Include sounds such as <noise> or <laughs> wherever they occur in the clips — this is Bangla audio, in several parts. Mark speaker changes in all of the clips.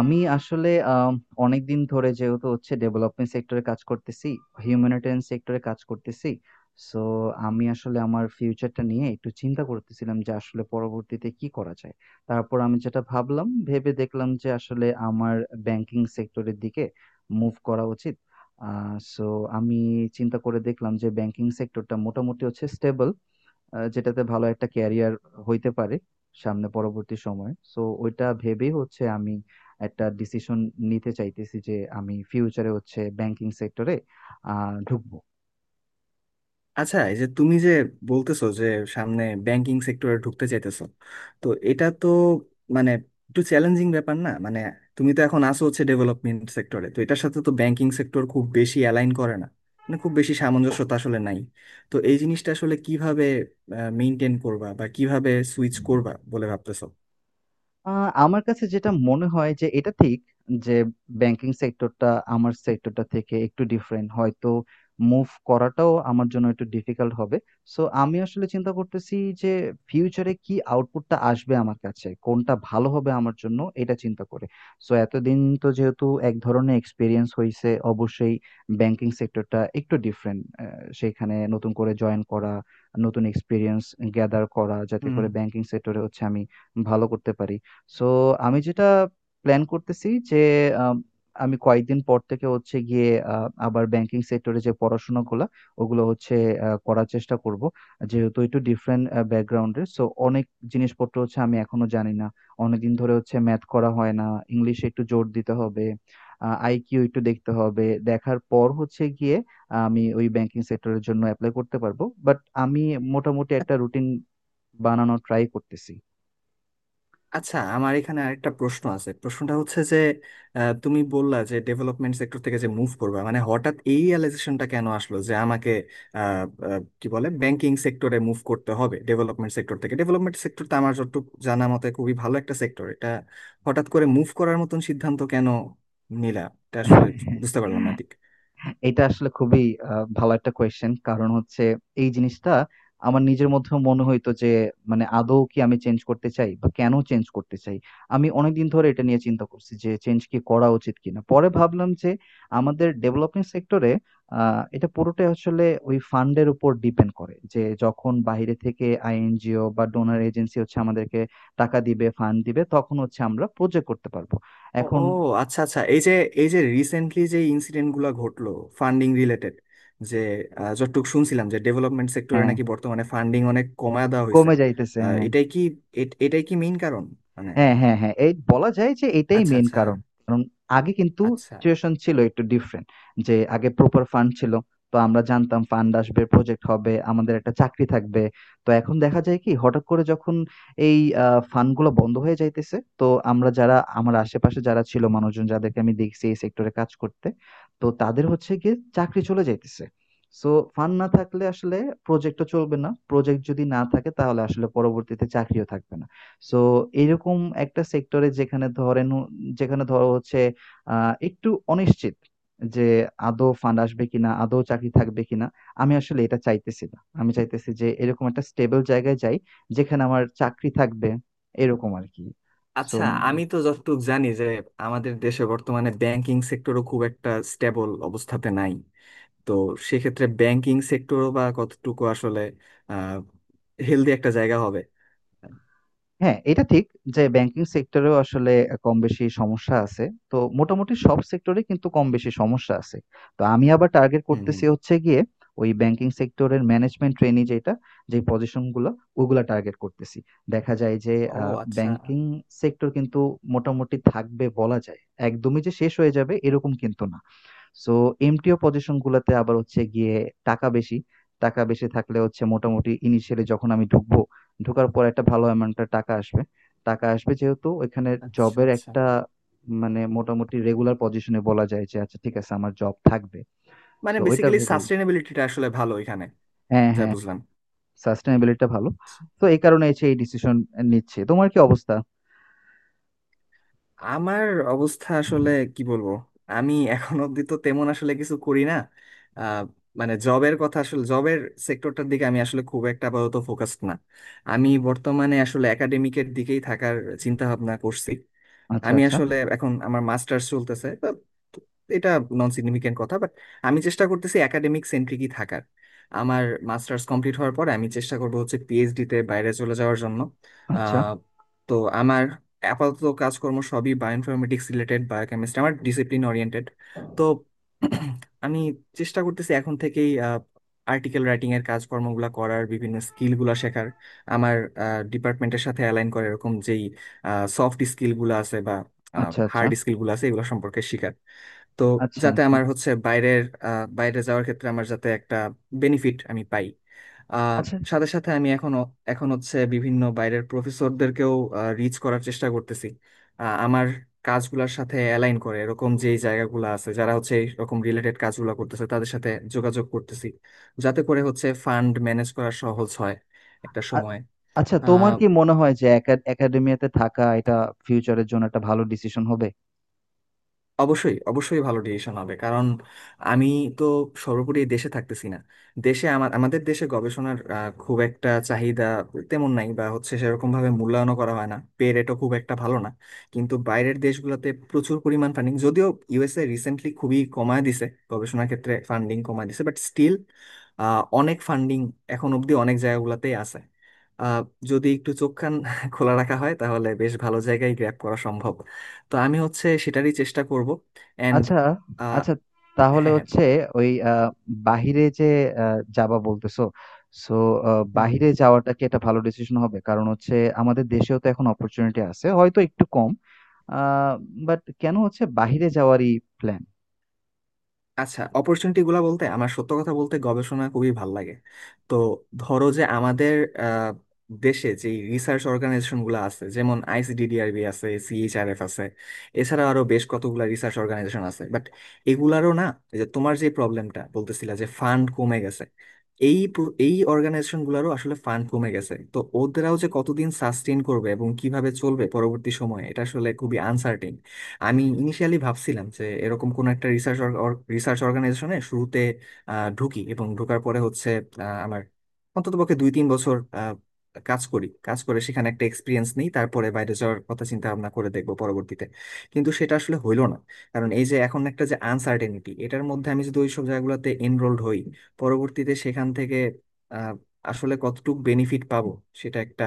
Speaker 1: আমি আসলে আম অনেকদিন ধরে যেহেতু হচ্ছে ডেভেলপমেন্ট সেক্টরে কাজ করতেছি, হিউম্যানিটেরিয়ান সেক্টরে কাজ করতেছি। সো আমি আসলে আমার ফিউচারটা নিয়ে একটু চিন্তা করতেছিলাম যে আসলে পরবর্তীতে কি করা যায়। তারপর আমি যেটা ভাবলাম, ভেবে দেখলাম যে আসলে আমার ব্যাংকিং সেক্টরের দিকে মুভ করা উচিত। আ সো আমি চিন্তা করে দেখলাম যে ব্যাংকিং সেক্টরটা মোটামুটি হচ্ছে স্টেবল। যেটাতে ভালো একটা ক্যারিয়ার হইতে পারে সামনে পরবর্তী সময়ে, সো ওইটা ভেবেই হচ্ছে আমি একটা ডিসিশন নিতে চাইতেছি যে আমি ফিউচারে হচ্ছে ব্যাংকিং সেক্টরে ঢুকবো।
Speaker 2: আচ্ছা, এই যে তুমি যে বলতেছো যে সামনে ব্যাংকিং সেক্টরে ঢুকতে চাইতেছো, তো এটা তো মানে একটু চ্যালেঞ্জিং ব্যাপার না? মানে তুমি তো এখন আসো হচ্ছে ডেভেলপমেন্ট সেক্টরে, তো এটার সাথে তো ব্যাংকিং সেক্টর খুব বেশি অ্যালাইন করে না, মানে খুব বেশি সামঞ্জস্যতা আসলে নাই। তো এই জিনিসটা আসলে কিভাবে মেনটেন করবা বা কিভাবে সুইচ করবা বলে ভাবতেছো?
Speaker 1: আ আমার কাছে যেটা মনে হয় যে এটা ঠিক যে ব্যাংকিং সেক্টরটা আমার সেক্টরটা থেকে একটু ডিফারেন্ট। হয়তো মুভ করাটাও আমার জন্য একটু ডিফিকাল্ট হবে। সো আমি আসলে চিন্তা করতেছি যে ফিউচারে কি আউটপুটটা আসবে আমার কাছে? কোনটা ভালো হবে আমার জন্য এটা চিন্তা করে। সো এতদিন তো যেহেতু এক ধরনের এক্সপেরিয়েন্স হইছে অবশ্যই ব্যাংকিং সেক্টরটা একটু ডিফারেন্ট। সেইখানে নতুন করে জয়েন করা, নতুন এক্সপেরিয়েন্স গ্যাদার করা যাতে করে ব্যাংকিং সেক্টরে হচ্ছে আমি ভালো করতে পারি। সো আমি যেটা প্ল্যান করতেছি যে আম, আমি কয়েকদিন পর থেকে হচ্ছে গিয়ে আবার ব্যাংকিং সেক্টরে যে পড়াশোনাগুলো ওগুলো হচ্ছে করার চেষ্টা করব, যেহেতু একটু ডিফারেন্ট ব্যাকগ্রাউন্ডের সো অনেক জিনিসপত্র হচ্ছে আমি এখনো জানি না। অনেকদিন ধরে হচ্ছে ম্যাথ করা হয় না, ইংলিশে একটু জোর দিতে হবে, আইকিউ একটু দেখতে হবে। দেখার পর হচ্ছে গিয়ে আমি ওই ব্যাংকিং সেক্টরের জন্য অ্যাপ্লাই করতে পারবো, বাট আমি মোটামুটি একটা রুটিন বানানোর ট্রাই করতেছি।
Speaker 2: আচ্ছা, আমার এখানে আরেকটা প্রশ্ন আছে। প্রশ্নটা হচ্ছে যে তুমি বললা যে ডেভেলপমেন্ট সেক্টর থেকে যে মুভ করবে, মানে হঠাৎ এই রিয়েলাইজেশনটা কেন আসলো যে আমাকে আহ, আহ, কি বলে ব্যাংকিং সেক্টরে মুভ করতে হবে, ডেভেলপমেন্ট সেক্টর থেকে। ডেভেলপমেন্ট সেক্টর তো আমার যতটুকু জানা মতে খুবই ভালো একটা সেক্টর। এটা হঠাৎ করে মুভ করার মতন সিদ্ধান্ত কেন নিলা? এটা আসলে বুঝতে পারলাম না ঠিক।
Speaker 1: <laughs> এটা আসলে খুবই আ ভালো একটা কোয়েশ্চেন। কারণ হচ্ছে এই জিনিসটা আমার নিজের মধ্যেও মনে হইতো যে মানে আদৌ কি আমি চেঞ্জ করতে চাই বা কেন চেঞ্জ করতে চাই? আমি অনেকদিন ধরে এটা নিয়ে চিন্তা করছি যে চেঞ্জ কি করা উচিত কিনা? পরে ভাবলাম যে আমাদের ডেভেলপমেন্ট সেক্টরে আ এটা পুরোটাই আসলে ওই ফান্ড এর উপর ডিপেন্ড করে। যে যখন বাইরে থেকে আইএনজিও বা ডোনর এজেন্সি হচ্ছে আমাদেরকে টাকা দিবে, ফান্ড দিবে তখন হচ্ছে আমরা প্রজেক্ট করতে পারব।
Speaker 2: ও,
Speaker 1: এখন
Speaker 2: ও, আচ্ছা, আচ্ছা, এই যে রিসেন্টলি যে ইনসিডেন্ট গুলা ঘটলো, ফান্ডিং রিলেটেড, যে যতটুকু শুনছিলাম যে ডেভেলপমেন্ট সেক্টরে
Speaker 1: হ্যাঁ,
Speaker 2: নাকি বর্তমানে ফান্ডিং অনেক কমায় দেওয়া হয়েছে।
Speaker 1: কমে যাইতেছে। হ্যাঁ।
Speaker 2: এটাই কি এটাই কি মেইন কারণ, মানে?
Speaker 1: হ্যাঁ, হ্যাঁ, হ্যাঁ। এই বলা যায় যে এটাই
Speaker 2: আচ্ছা,
Speaker 1: মেইন
Speaker 2: আচ্ছা।
Speaker 1: কারণ। কারণ আগে কিন্তু
Speaker 2: আচ্ছা,
Speaker 1: সিচুয়েশন ছিল একটু ডিফারেন্ট। যে আগে প্রপার ফান্ড ছিল। তো আমরা জানতাম ফান্ড আসবে, প্রজেক্ট হবে, আমাদের একটা চাকরি থাকবে। তো এখন দেখা যায় কি হঠাৎ করে যখন এই আ ফান্ড গুলো বন্ধ হয়ে যাইতেছে, তো আমরা যারা, আমার আশেপাশে যারা ছিল মানুষজন যাদেরকে আমি দেখছি এই সেক্টরে কাজ করতে, তো তাদের হচ্ছে গিয়ে চাকরি চলে যাইতেছে। সো ফান্ড না থাকলে আসলে প্রজেক্ট ও চলবে না। প্রজেক্ট যদি না থাকে তাহলে আসলে পরবর্তীতে চাকরিও থাকবে না। সো এরকম একটা সেক্টরে যেখানে ধরো হচ্ছে একটু অনিশ্চিত যে আদৌ ফান্ড আসবে কিনা, আদৌ চাকরি থাকবে কিনা। আমি আসলে এটা চাইতেছি না, আমি চাইতেছি যে এরকম একটা স্টেবল জায়গায় যাই যেখানে আমার চাকরি থাকবে, এরকম আর কি। সো
Speaker 2: আচ্ছা। আমি তো যতটুকু জানি যে আমাদের দেশে বর্তমানে ব্যাংকিং সেক্টরও খুব একটা স্টেবল অবস্থাতে নাই। তো সেক্ষেত্রে ব্যাংকিং সেক্টরও বা কতটুকু আসলে আহ হেলদি একটা জায়গা হবে?
Speaker 1: হ্যাঁ, এটা ঠিক যে ব্যাংকিং সেক্টরেও আসলে কম বেশি সমস্যা আছে। তো মোটামুটি সব সেক্টরেই কিন্তু কম বেশি সমস্যা আছে। তো আমি আবার টার্গেট
Speaker 2: হুম, হুম।
Speaker 1: করতেছি হচ্ছে গিয়ে ওই ব্যাংকিং সেক্টরের ম্যানেজমেন্ট ট্রেনি যেটা, যে পজিশন গুলো ওগুলা টার্গেট করতেছি। দেখা যায় যে
Speaker 2: ও
Speaker 1: আ
Speaker 2: আচ্ছা,
Speaker 1: ব্যাংকিং সেক্টর কিন্তু মোটামুটি থাকবে বলা যায়। একদমই যে শেষ হয়ে যাবে এরকম কিন্তু না। সো এমটিও পজিশন গুলাতে আবার হচ্ছে গিয়ে টাকা বেশি টাকা বেশি থাকলে হচ্ছে মোটামুটি ইনিশিয়ালি যখন আমি ঢুকবো, ঢোকার পর একটা ভালো অ্যামাউন্টের টাকা আসবে যেহেতু ওইখানে
Speaker 2: আচ্ছা,
Speaker 1: জবের
Speaker 2: আচ্ছা।
Speaker 1: একটা মানে মোটামুটি রেগুলার পজিশনে, বলা যায় যে আচ্ছা ঠিক আছে আমার জব থাকবে,
Speaker 2: মানে
Speaker 1: তো ওইটা
Speaker 2: বেসিক্যালি
Speaker 1: ভেবেই।
Speaker 2: সাস্টেনেবিলিটিটা আসলে ভালো এখানে,
Speaker 1: হ্যাঁ
Speaker 2: যা
Speaker 1: হ্যাঁ,
Speaker 2: বুঝলাম।
Speaker 1: সাস্টেনেবিলিটিটা ভালো,
Speaker 2: আচ্ছা।
Speaker 1: তো এই কারণে হচ্ছে এই ডিসিশন নিচ্ছে। তোমার কি অবস্থা?
Speaker 2: আমার অবস্থা আসলে কি বলবো, আমি এখন অব্দি তো তেমন আসলে কিছু করি না। আহ, মানে জবের কথা, আসলে জবের সেক্টরটার দিকে আমি আসলে খুব একটা আপাতত ফোকাসড না। আমি বর্তমানে আসলে একাডেমিকের দিকেই থাকার চিন্তা ভাবনা করছি।
Speaker 1: আচ্ছা
Speaker 2: আমি
Speaker 1: আচ্ছা।
Speaker 2: আসলে এখন আমার মাস্টার্স চলতেছে, তো এটা নন সিগনিফিকেন্ট কথা, বাট আমি চেষ্টা করতেছি একাডেমিক সেন্ট্রিকই থাকার। আমার মাস্টার্স কমপ্লিট হওয়ার পরে আমি চেষ্টা করব হচ্ছে পিএইচডি তে বাইরে চলে যাওয়ার জন্য।
Speaker 1: আচ্ছা
Speaker 2: আহ, তো আমার আপাতত কাজকর্ম সবই বায়োইনফরমেটিক্স রিলেটেড, বায়োকেমিস্ট্রি আমার ডিসিপ্লিন ওরিয়েন্টেড। তো আমি চেষ্টা করতেছি এখন থেকেই আর্টিকেল রাইটিং এর কাজকর্মগুলো করার, বিভিন্ন স্কিলগুলো শেখার, আমার ডিপার্টমেন্টের সাথে অ্যালাইন করে এরকম যেই সফট স্কিল গুলো আছে বা
Speaker 1: আচ্ছা। আচ্ছা
Speaker 2: হার্ড স্কিল গুলো আছে এগুলো সম্পর্কে শিখার। তো
Speaker 1: আচ্ছা।
Speaker 2: যাতে আমার হচ্ছে বাইরে যাওয়ার ক্ষেত্রে আমার যাতে একটা বেনিফিট আমি পাই। আহ,
Speaker 1: আচ্ছা আচ্ছা।
Speaker 2: সাথে সাথে আমি এখন এখন হচ্ছে বিভিন্ন বাইরের প্রফেসরদেরকেও রিচ করার চেষ্টা করতেছি। আমার কাজগুলোর সাথে অ্যালাইন করে এরকম যেই জায়গাগুলো আছে, যারা হচ্ছে এরকম রিলেটেড কাজগুলো করতেছে, তাদের সাথে যোগাযোগ করতেছি, যাতে করে হচ্ছে ফান্ড ম্যানেজ করা সহজ হয় একটা সময়।
Speaker 1: আচ্ছা, তোমার কি মনে হয় যে একা একাডেমিয়াতে থাকা এটা ফিউচারের জন্য একটা ভালো ডিসিশন হবে?
Speaker 2: অবশ্যই, অবশ্যই ভালো ডিসিশন হবে। কারণ আমি তো সর্বোপরি এই দেশে থাকতেছি না। দেশে আমার আমাদের দেশে গবেষণার খুব একটা চাহিদা তেমন নাই, বা হচ্ছে সেরকম ভাবে মূল্যায়নও করা হয় না, পে রেটও খুব একটা ভালো না। কিন্তু বাইরের দেশগুলোতে প্রচুর পরিমাণ ফান্ডিং, যদিও ইউএসএ রিসেন্টলি খুবই কমায় দিছে, গবেষণার ক্ষেত্রে ফান্ডিং কমায় দিছে, বাট স্টিল অনেক ফান্ডিং এখন অবধি অনেক জায়গাগুলোতেই আছে। আহ, যদি একটু চোখ কান খোলা রাখা হয় তাহলে বেশ ভালো জায়গায় গ্র্যাব করা সম্ভব। তো আমি হচ্ছে সেটারই চেষ্টা করব অ্যান্ড...
Speaker 1: আচ্ছা আচ্ছা, তাহলে
Speaker 2: হ্যাঁ, হ্যাঁ,
Speaker 1: হচ্ছে
Speaker 2: বল।
Speaker 1: ওই বাহিরে যে যাবা বলতেছো, সো
Speaker 2: হুম, হুম,
Speaker 1: বাহিরে
Speaker 2: হুম।
Speaker 1: যাওয়াটা কি একটা ভালো ডিসিশন হবে? কারণ হচ্ছে আমাদের দেশেও তো এখন অপরচুনিটি আছে, হয়তো একটু কম, বাট কেন হচ্ছে বাহিরে যাওয়ারই প্ল্যান?
Speaker 2: আচ্ছা, অপরচুনিটি গুলা বলতে, আমার সত্য কথা বলতে গবেষণা খুবই ভাল লাগে। তো ধরো যে আমাদের আহ, দেশে যে রিসার্চ অর্গানাইজেশন গুলো আছে, যেমন আইসিডিডিআরবি আছে, সিএইচআরএফ আছে, এছাড়া আরো বেশ কতগুলা রিসার্চ অর্গানাইজেশন আছে, বাট এগুলারও না, এই যে তোমার যে প্রবলেমটা বলতেছিলা যে ফান্ড কমে গেছে, এই অর্গানাইজেশন গুলারও আসলে ফান্ড কমে গেছে। তো ওদেরাও যে কতদিন সাস্টেইন করবে এবং কিভাবে চলবে পরবর্তী সময়ে, এটা আসলে খুবই আনসার্টিন। আমি ইনিশিয়ালি ভাবছিলাম যে এরকম কোন একটা রিসার্চ রিসার্চ অর্গানাইজেশনে শুরুতে ঢুকি, এবং ঢোকার পরে হচ্ছে আমার অন্ততপক্ষে 2-3 বছর কাজ করি, কাজ করে সেখানে একটা এক্সপিরিয়েন্স নিই, তারপরে বাইরে যাওয়ার কথা চিন্তা ভাবনা করে দেখবো পরবর্তীতে। কিন্তু সেটা আসলে হইলো না, কারণ এই যে এখন একটা যে আনসার্টেনিটি, এটার মধ্যে আমি যদি ওইসব জায়গাগুলোতে এনরোলড হই, পরবর্তীতে সেখান থেকে আহ, আসলে কতটুকু বেনিফিট পাবো সেটা একটা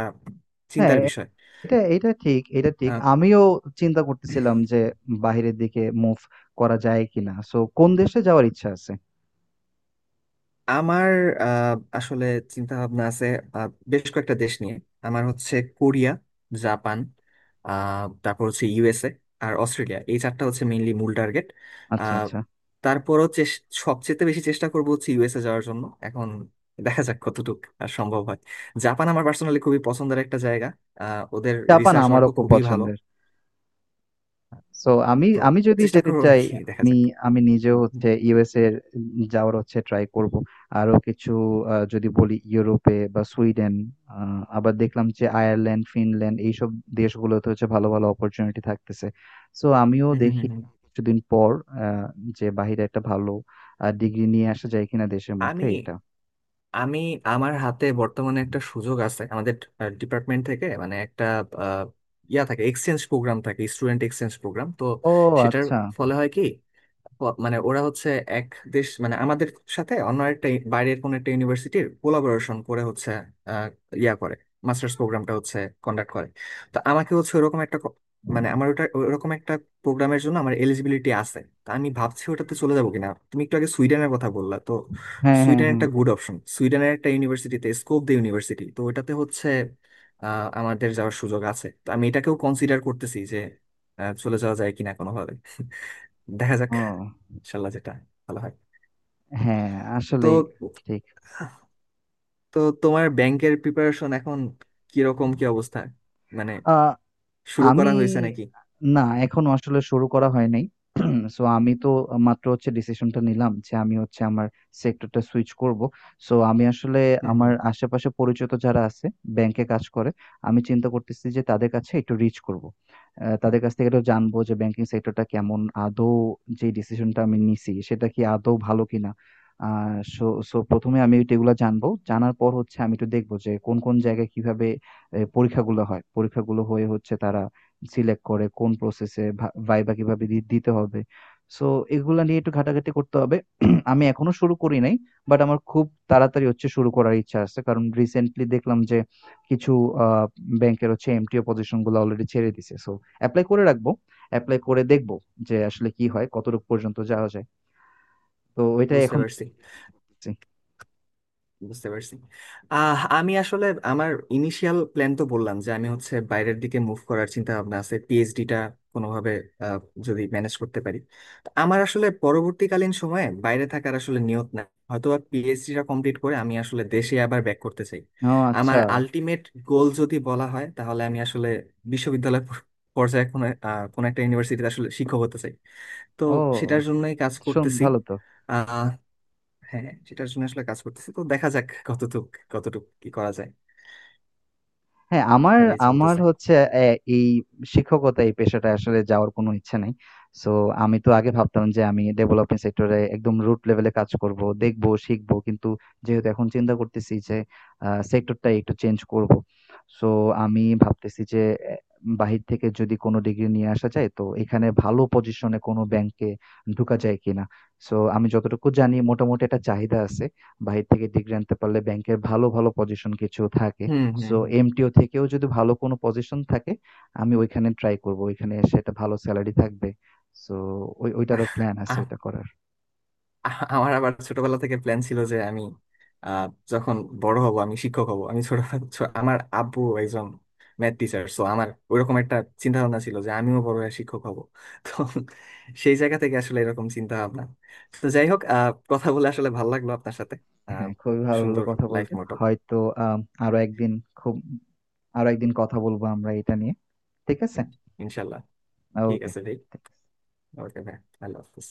Speaker 1: হ্যাঁ,
Speaker 2: চিন্তার বিষয়।
Speaker 1: এটা এটা ঠিক এটা ঠিক আমিও চিন্তা
Speaker 2: আহ,
Speaker 1: করতেছিলাম যে বাহিরের দিকে মুভ করা যায় কিনা। সো কোন দেশে যাওয়ার ইচ্ছা আছে?
Speaker 2: আমার আহ, আসলে চিন্তা ভাবনা আছে বেশ কয়েকটা দেশ নিয়ে। আমার হচ্ছে কোরিয়া, জাপান, তারপর হচ্ছে ইউএসএ আর অস্ট্রেলিয়া, এই 4টা হচ্ছে মেইনলি মূল টার্গেট।
Speaker 1: আচ্ছা আচ্ছা।
Speaker 2: তারপরও সবচেয়ে বেশি চেষ্টা করব হচ্ছে ইউএসএ যাওয়ার জন্য। এখন দেখা যাক কতটুকু আর সম্ভব হয়। জাপান আমার পার্সোনালি খুবই পছন্দের একটা জায়গা। ওদের
Speaker 1: জাপান
Speaker 2: রিসার্চ ওয়ার্কও
Speaker 1: আমারও খুব
Speaker 2: খুবই ভালো।
Speaker 1: পছন্দের। সো আমি
Speaker 2: তো
Speaker 1: আমি যদি
Speaker 2: চেষ্টা
Speaker 1: যেতে
Speaker 2: করবো আর
Speaker 1: চাই,
Speaker 2: কি, দেখা
Speaker 1: আমি
Speaker 2: যাক।
Speaker 1: আমি নিজেও
Speaker 2: হুম, হুম,
Speaker 1: হচ্ছে USA এর যাওয়ার হচ্ছে ট্রাই করব। আরো কিছু, যদি বলি ইউরোপে বা সুইডেন, আ আবার দেখলাম যে আয়ারল্যান্ড, ফিনল্যান্ড এইসব দেশগুলোতে হচ্ছে ভালো, ভালো অপরচুনিটি থাকতেছে। সো আমিও
Speaker 2: হুম, হুম,
Speaker 1: দেখি
Speaker 2: হুম।
Speaker 1: কিছুদিন পর আ যে বাহিরে একটা ভালো ডিগ্রি নিয়ে আসা যায় কিনা দেশের মধ্যে
Speaker 2: আমি
Speaker 1: এটা।
Speaker 2: আমি আমার হাতে বর্তমানে একটা সুযোগ আছে আমাদের ডিপার্টমেন্ট থেকে, মানে একটা আহ, ইয়া থাকে, এক্সচেঞ্জ প্রোগ্রাম থাকে, স্টুডেন্ট এক্সচেঞ্জ প্রোগ্রাম। তো
Speaker 1: ও
Speaker 2: সেটার
Speaker 1: আচ্ছা।
Speaker 2: ফলে হয় কি, মানে ওরা হচ্ছে এক দেশ, মানে আমাদের সাথে অন্য একটা বাইরের কোনো একটা ইউনিভার্সিটির কোলাবোরেশন করে হচ্ছে আহ, ইয়া করে মাস্টার্স প্রোগ্রামটা হচ্ছে কন্ডাক্ট করে। তো আমাকে হচ্ছে ওরকম একটা মানে আমার ওটা, ওরকম একটা প্রোগ্রামের জন্য আমার এলিজিবিলিটি আছে। তা আমি ভাবছি ওটাতে চলে যাবো কিনা। তুমি একটু আগে সুইডেনের কথা বললা, তো
Speaker 1: হ্যাঁ, হ্যাঁ,
Speaker 2: সুইডেন
Speaker 1: হ্যাঁ।
Speaker 2: একটা গুড অপশন। সুইডেনের একটা ইউনিভার্সিটিতে স্কোপ দি ইউনিভার্সিটি, তো ওটাতে হচ্ছে আমাদের যাওয়ার সুযোগ আছে। তো আমি এটাকেও কনসিডার করতেছি যে চলে যাওয়া যায় কিনা কোনোভাবে। <laughs> দেখা যাক,
Speaker 1: ও।
Speaker 2: ইনশাল্লাহ যেটা ভালো হয়।
Speaker 1: হ্যাঁ,
Speaker 2: তো
Speaker 1: আসলেই ঠিক।
Speaker 2: তো তোমার ব্যাংকের প্রিপারেশন এখন কিরকম, কি অবস্থা, মানে
Speaker 1: আ
Speaker 2: শুরু
Speaker 1: আমি,
Speaker 2: করা হয়েছে নাকি?
Speaker 1: না, এখনো আসলে শুরু করা হয় নাই। <clears throat> সো আমি তো মাত্র হচ্ছে ডিসিশনটা নিলাম যে আমি হচ্ছে আমার সেক্টরটা সুইচ করব। সো আমি আসলে
Speaker 2: হুম,
Speaker 1: আমার আশেপাশে পরিচিত যারা আছে ব্যাংকে কাজ করে, আমি চিন্তা করতেছি যে তাদের কাছে একটু রিচ করব। আহ, তাদের কাছ থেকে একটু জানবো যে ব্যাংকিং সেক্টরটা কেমন, আদৌ যে ডিসিশনটা আমি নিছি সেটা কি আদৌ ভালো কিনা। আহ সো সো প্রথমে আমি এগুলো জানবো, জানার পর হচ্ছে আমি একটু দেখবো যে কোন কোন জায়গায় কিভাবে পরীক্ষাগুলো হয়, পরীক্ষাগুলো হয়ে হচ্ছে তারা সিলেক্ট করে কোন প্রসেসে, ভাইবা কিভাবে দিতে হবে। সো এগুলা নিয়ে একটু ঘাটাঘাটি করতে হবে। <clears throat> আমি এখনো শুরু করি নাই, বাট আমার খুব তাড়াতাড়ি হচ্ছে শুরু করার ইচ্ছা আছে কারণ রিসেন্টলি দেখলাম যে কিছু আহ ব্যাংকের হচ্ছে এমটিও পজিশন গুলো অলরেডি ছেড়ে দিছে। সো অ্যাপ্লাই করে রাখবো, অ্যাপ্লাই করে দেখবো যে আসলে কি হয়, কতটুকু পর্যন্ত যাওয়া যায়। তো ওইটাই
Speaker 2: বুঝতে
Speaker 1: এখন
Speaker 2: পারছি,
Speaker 1: করতেছি।
Speaker 2: বুঝতে পারছি। আমি আসলে আমার ইনিশিয়াল প্ল্যান তো বললাম যে আমি হচ্ছে বাইরের দিকে মুভ করার চিন্তা ভাবনা আছে, পিএইচডিটা কোনোভাবে আহ, যদি ম্যানেজ করতে পারি। তো আমার আসলে পরবর্তীকালীন সময়ে বাইরে থাকার আসলে নিয়ত নাই, হয়তো পিএইচডিটা কমপ্লিট করে আমি আসলে দেশে আবার ব্যাক করতে চাই।
Speaker 1: ও
Speaker 2: আমার
Speaker 1: আচ্ছা।
Speaker 2: আলটিমেট গোল যদি বলা হয়, তাহলে আমি আসলে বিশ্ববিদ্যালয় পর্যায়ে কোনো একটা ইউনিভার্সিটিতে আসলে শিক্ষক হতে চাই। তো
Speaker 1: ও,
Speaker 2: সেটার জন্যই কাজ
Speaker 1: শুন
Speaker 2: করতেছি।
Speaker 1: ভালো তো।
Speaker 2: হ্যাঁ, সেটার জন্য আসলে কাজ করতেছি। তো দেখা যাক কতটুক কতটুক কি করা যায়,
Speaker 1: হ্যাঁ, আমার,
Speaker 2: তাহলে
Speaker 1: আমার
Speaker 2: চলতেছে।
Speaker 1: হচ্ছে অ্যা এই শিক্ষকতা এই পেশাটায় আসলে যাওয়ার কোনো ইচ্ছা নাই। সো আমি তো আগে ভাবতাম যে আমি ডেভেলপমেন্ট সেক্টর এ একদম root level এ কাজ করব। দেখব, শিখব। কিন্তু যেহেতু এখন চিন্তা করতেছি যে সেক্টরটা একটু চেঞ্জ করব। সো আমি ভাবতেছি যে বাহির থেকে যদি কোনো ডিগ্রি নিয়ে আসা যায় তো এখানে ভালো পজিশনে কোনো ব্যাংকে ঢুকা যায় কিনা? সো আমি যতটুকু জানি মোটামুটি একটা চাহিদা আছে। বাহির থেকে ডিগ্রি আনতে পারলে ব্যাংকের ভালো, ভালো পজিশন কিছু থাকে।
Speaker 2: হুম, হুম,
Speaker 1: সো
Speaker 2: হুম।
Speaker 1: এমটিও থেকেও যদি ভালো কোনো পজিশন থাকে আমি ওইখানে ট্রাই করব, ওইখানে সেটা ভালো স্যালারি থাকবে। সো ওই,
Speaker 2: আহ,
Speaker 1: ওইটারও প্ল্যান আছে
Speaker 2: আহ,
Speaker 1: ওইটা করার।
Speaker 2: আহ, আমার আবার ছোটবেলা থেকে প্ল্যান ছিল যে আমি, আহ, যখন বড় হব আমি শিক্ষক হব। আমার আব্বু একজন ম্যাথ টিচার, সো আমার ওইরকম একটা চিন্তা ভাবনা ছিল যে আমিও বড় হয়ে শিক্ষক হব। তো সেই জায়গা থেকে আসলে এরকম চিন্তা ভাবনা। তো যাই হোক, কথা বলে আসলে ভালো লাগলো আপনার সাথে। আহ,
Speaker 1: হ্যাঁ, খুবই ভালো লাগলো
Speaker 2: সুন্দর
Speaker 1: কথা
Speaker 2: লাইফ
Speaker 1: বলতে।
Speaker 2: মোটো।
Speaker 1: হয়তো আম, আরো একদিন, খুব আরো একদিন কথা বলবো আমরা এটা নিয়ে। ঠিক আছে।
Speaker 2: ইনশাল্লাহ। ঠিক
Speaker 1: ওকে।
Speaker 2: আছে, ভাই। ওকে, ভাই। আল্লাহ হাফিজ।